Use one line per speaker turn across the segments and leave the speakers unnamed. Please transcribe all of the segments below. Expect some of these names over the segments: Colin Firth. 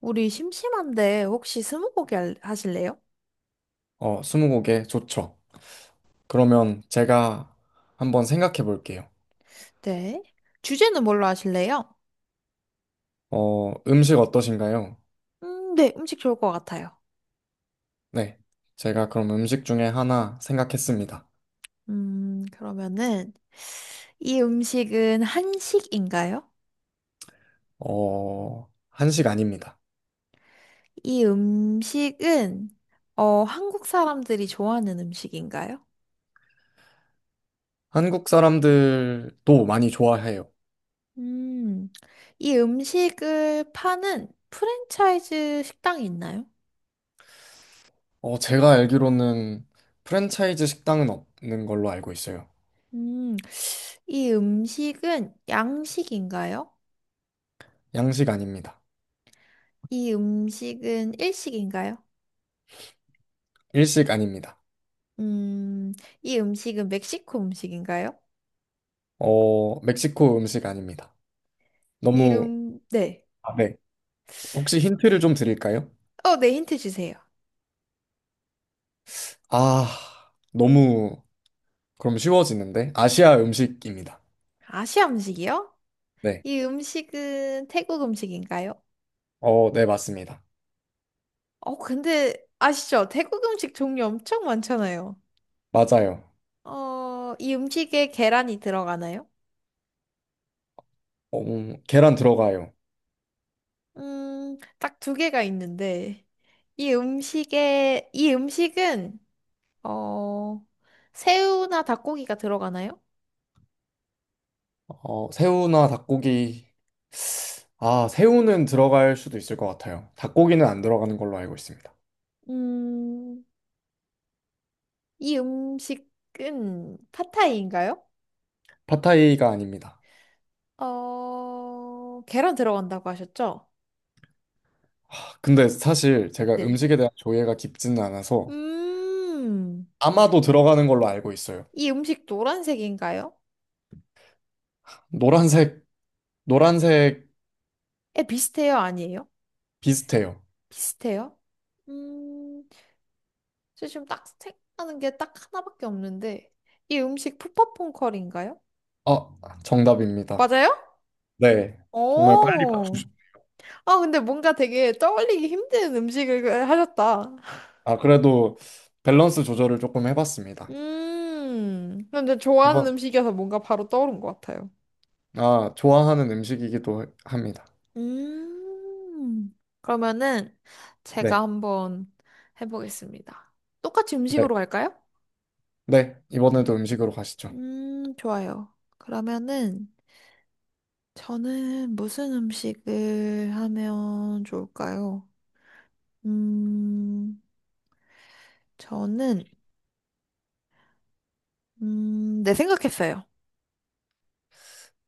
우리 심심한데 혹시 하실래요?
스무고개 좋죠. 그러면 제가 한번 생각해 볼게요.
네. 주제는 뭘로 하실래요?
음식 어떠신가요?
네, 음식 좋을 것 같아요.
네. 제가 그럼 음식 중에 하나 생각했습니다.
그러면은 이 음식은 한식인가요?
한식 아닙니다.
이 음식은 한국 사람들이 좋아하는 음식인가요?
한국 사람들도 많이 좋아해요.
음, 이 음식을 파는 프랜차이즈 식당이 있나요?
제가 알기로는 프랜차이즈 식당은 없는 걸로 알고 있어요.
음, 이 음식은 양식인가요?
양식 아닙니다.
이 음식은 일식인가요?
일식 아닙니다.
음, 이 음식은 멕시코 음식인가요?
멕시코 음식 아닙니다.
이
너무,
네.
아, 네. 혹시 힌트를 좀 드릴까요?
네, 힌트 주세요.
아, 너무 그럼 쉬워지는데? 아시아 음식입니다.
아시아 음식이요?
네.
이 음식은 태국 음식인가요?
네, 맞습니다.
어, 근데 아시죠? 태국 음식 종류 엄청 많잖아요.
맞아요.
이 음식에 계란이 들어가나요?
계란 들어가요.
딱 두 개가 있는데, 이 음식은, 어, 새우나 닭고기가 들어가나요?
새우나 닭고기. 아, 새우는 들어갈 수도 있을 것 같아요. 닭고기는 안 들어가는 걸로 알고 있습니다.
음, 이 음식은 팟타이인가요?
팟타이가 아닙니다.
어, 계란 들어간다고 하셨죠?
아, 근데 사실 제가
네.
음식에 대한 조예가 깊지는 않아서
음,
아마도 들어가는 걸로 알고 있어요.
이 음식 노란색인가요?
노란색, 노란색
에, 비슷해요? 아니에요?
비슷해요.
비슷해요? 음, 저 지금 딱 생각나는 게 딱 하나밖에 없는데, 이 음식 푸팟퐁커리인가요?
아, 정답입니다.
맞아요?
네. 정말 빨리.
오, 아, 근데 뭔가 되게 떠올리기 힘든 음식을 그, 하셨다.
아, 그래도 밸런스 조절을 조금 해봤습니다.
근데 좋아하는
이번
음식이어서 뭔가 바로 떠오른 것 같아요.
아, 좋아하는 음식이기도 합니다.
음. 그러면은
네,
제가 한번 해보겠습니다. 똑같이
네,
음식으로 갈까요?
네. 이번에도 음식으로 가시죠.
좋아요. 그러면은 저는 무슨 음식을 하면 좋을까요? 음, 저는 네, 생각했어요.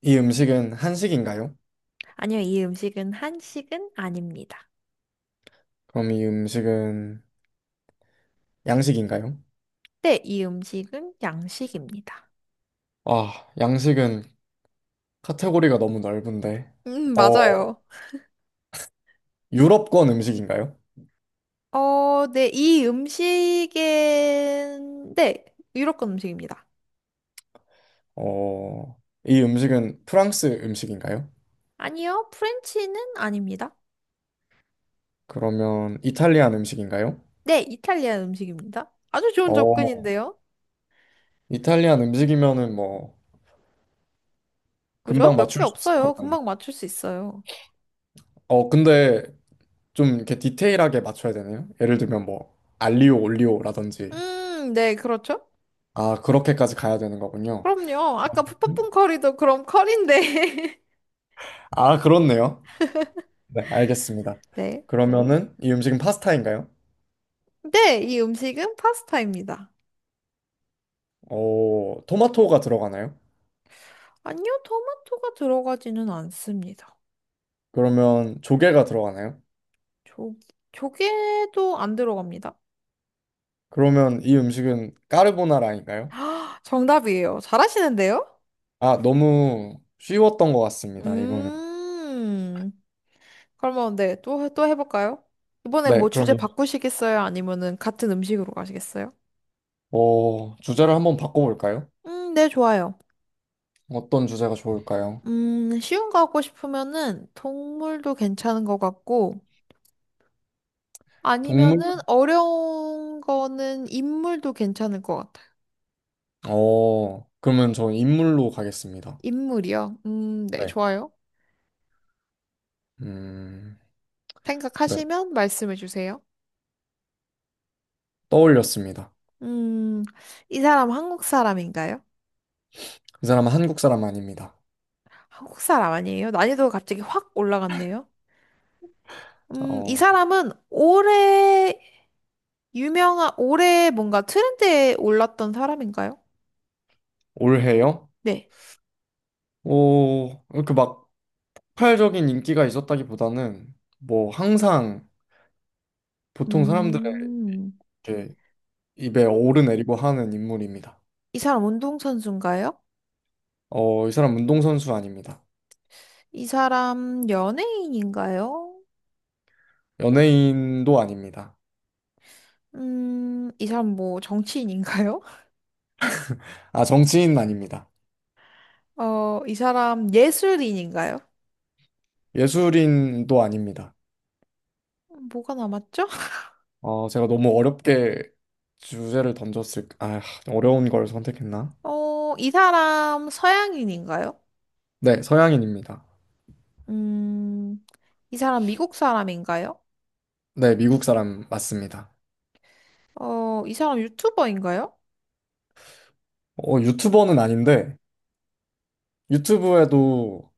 이 음식은 한식인가요?
아니요, 이 음식은 한식은 아닙니다.
그럼 이 음식은 양식인가요?
네, 이 음식은 양식입니다.
아, 양식은 카테고리가 너무 넓은데. 어,
맞아요.
유럽권 음식인가요?
네, 이 음식은 네, 유럽권 음식입니다.
이 음식은 프랑스 음식인가요?
아니요, 프렌치는 아닙니다.
그러면 이탈리안 음식인가요?
네, 이탈리아 음식입니다. 아주 좋은
어,
접근인데요.
이탈리안 음식이면은 뭐
그죠?
금방
몇 개
맞출 수 있을
없어요.
것 같네요.
금방 맞출 수 있어요.
근데 좀 이렇게 디테일하게 맞춰야 되나요? 예를 들면 뭐 알리오 올리오라든지
네, 그렇죠?
아 그렇게까지 가야 되는 거군요.
그럼요. 아까 푸푸풍 커리도 그럼 커리인데.
아 그렇네요. 네 알겠습니다.
네.
그러면은 이 음식은 파스타인가요?
네, 이 음식은 파스타입니다.
어 토마토가 들어가나요?
아니요, 토마토가 들어가지는 않습니다.
그러면 조개가 들어가나요?
조, 조개도 안 들어갑니다.
그러면 이 음식은 까르보나라인가요?
정답이에요. 잘하시는데요?
아 너무 쉬웠던 것 같습니다. 이거는
음. 그러면 네, 또 해볼까요? 이번에
네
뭐 주제
그럼
바꾸시겠어요? 아니면은 같은 음식으로 가시겠어요?
어 주제를 한번 바꿔볼까요?
네, 좋아요.
어떤 주제가 좋을까요?
쉬운 거 하고 싶으면은 동물도 괜찮은 것 같고,
동물
아니면은 어려운 거는 인물도 괜찮을 것 같아요.
어 그러면 저 인물로 가겠습니다.
인물이요? 네,
네.
좋아요.
음, 네.
생각하시면 말씀해 주세요.
떠올렸습니다.
음, 이 사람 한국 사람인가요?
이 사람은 한국 사람 아닙니다.
한국 사람 아니에요? 난이도가 갑자기 확 올라갔네요. 이
어,
사람은 오래 유명한, 올해 뭔가 트렌드에 올랐던 사람인가요?
올해요?
네.
오, 이렇게 막 폭발적인 인기가 있었다기보다는 뭐 항상 보통 사람들의
음,
이렇게 입에
이,
오르내리고 하는 인물입니다.
이 사람 운동선수인가요?
이 사람 운동선수 아닙니다.
이 사람 연예인인가요?
연예인도 아닙니다.
이 사람 뭐 정치인인가요?
아, 정치인 아닙니다.
어, 이 사람 예술인인가요?
예술인도 아닙니다.
뭐가 남았죠?
제가 너무 어렵게 주제를 던졌을, 아, 어려운 걸 선택했나?
어, 이 사람 서양인인가요?
네, 서양인입니다.
음, 이 사람 미국 사람인가요?
네, 미국 사람 맞습니다.
어, 이 사람 유튜버인가요?
유튜버는 아닌데, 유튜브에도,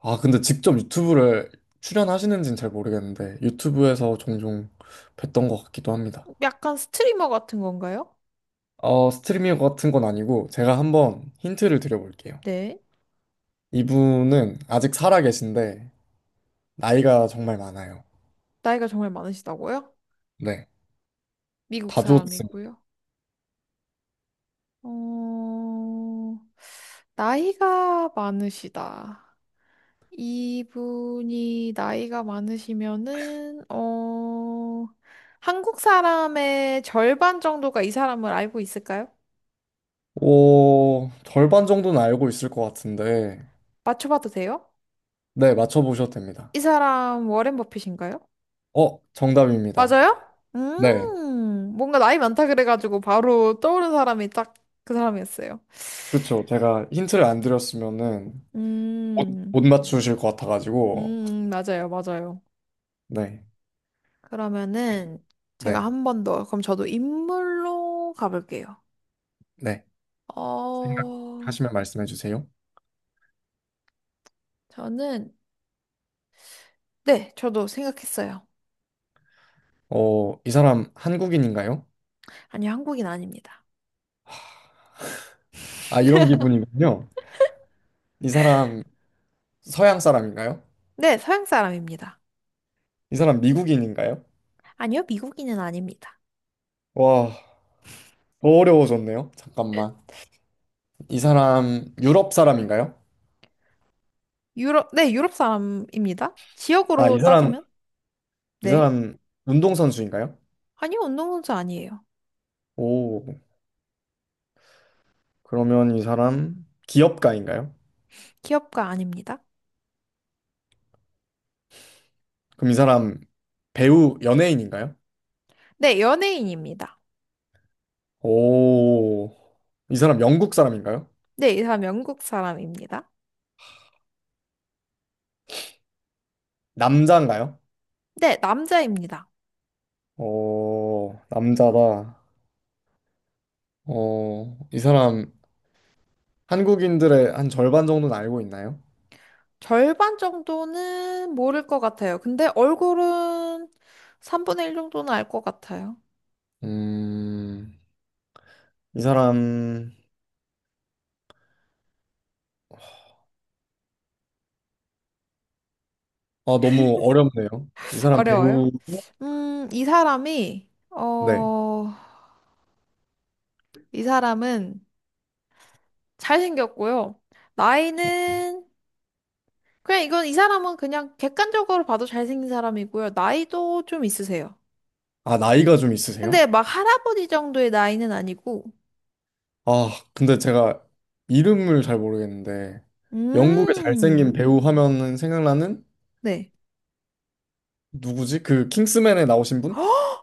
근데 직접 유튜브를 출연하시는지는 잘 모르겠는데, 유튜브에서 종종 뵀던 것 같기도 합니다.
약간 스트리머 같은 건가요?
스트리밍 같은 건 아니고, 제가 한번 힌트를 드려볼게요.
네.
이분은 아직 살아계신데, 나이가 정말 많아요.
나이가 정말 많으시다고요?
네,
미국
다 좋습니다.
사람이고요. 어, 나이가 많으시다. 이분이 나이가 많으시면은, 어, 한국 사람의 절반 정도가 이 사람을 알고 있을까요?
오, 절반 정도는 알고 있을 것 같은데,
맞춰봐도 돼요?
네, 맞춰보셔도 됩니다.
이 사람 워렌 버핏인가요?
어, 정답입니다.
맞아요?
네.
뭔가 나이 많다 그래가지고 바로 떠오른 사람이 딱 그 사람이었어요.
그쵸. 제가 힌트를 안 드렸으면은 못,
음,
못 맞추실 것 같아가지고.
맞아요, 맞아요.
네,
그러면은 제가
네,
한 번 더, 그럼 저도 인물로 가볼게요.
네.
어,
생각하시면 말씀해 주세요.
저는, 네, 저도 생각했어요.
이 사람 한국인인가요?
아니요, 한국인 아닙니다.
아, 이런 기분이군요. 이 사람 서양 사람인가요?
네, 서양 사람입니다.
이 사람 미국인인가요?
아니요, 미국인은 아닙니다.
와, 더 어려워졌네요. 잠깐만. 이 사람 유럽 사람인가요?
유럽, 네, 유럽 사람입니다.
아,
지역으로
이 사람,
따지면?
이
네.
사람 운동선수인가요?
아니요, 운동선수 아니에요.
오, 그러면 이 사람 기업가인가요?
기업가 아닙니다.
그럼 이 사람 배우 연예인인가요?
네, 연예인입니다.
오, 이 사람 영국 사람인가요?
네, 이 사람 영국 사람입니다.
남자인가요?
네, 남자입니다.
오, 남자다. 이 사람 한국인들의 한 절반 정도는 알고 있나요?
절반 정도는 모를 것 같아요. 근데 얼굴은 3분의 1 정도는 알 것 같아요.
음, 이 사람, 아, 너무 어렵네요. 이 사람
어려워요?
배우,
음, 이 사람이,
네.
어, 이 사람은 잘생겼고요. 나이는, 그냥 이건 이 사람은 그냥 객관적으로 봐도 잘생긴 사람이고요. 나이도 좀 있으세요.
아, 나이가 좀 있으세요?
근데 막 할아버지 정도의 나이는 아니고,
아, 근데 제가 이름을 잘 모르겠는데, 영국의 잘생긴
음,
배우 하면은 생각나는
네.
누구지? 그 킹스맨에 나오신 분?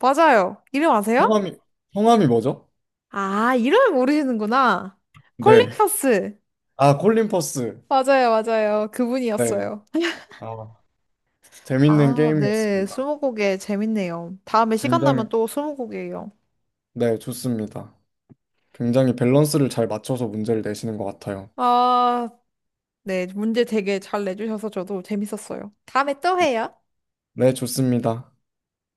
맞아요. 이름 아세요?
성함이, 성함이 뭐죠?
아, 이름을 모르시는구나.
네.
콜린 퍼스.
아, 콜린 퍼스.
맞아요, 맞아요.
네.
그분이었어요.
아, 재밌는
아, 네.
게임이었습니다.
스무고개 재밌네요. 다음에 시간
굉장히,
나면 또 스무고개예요.
네, 좋습니다. 굉장히 밸런스를 잘 맞춰서 문제를 내시는 것 같아요.
아, 네. 문제 되게 잘 내주셔서 저도 재밌었어요. 다음에 또 해요.
네, 좋습니다.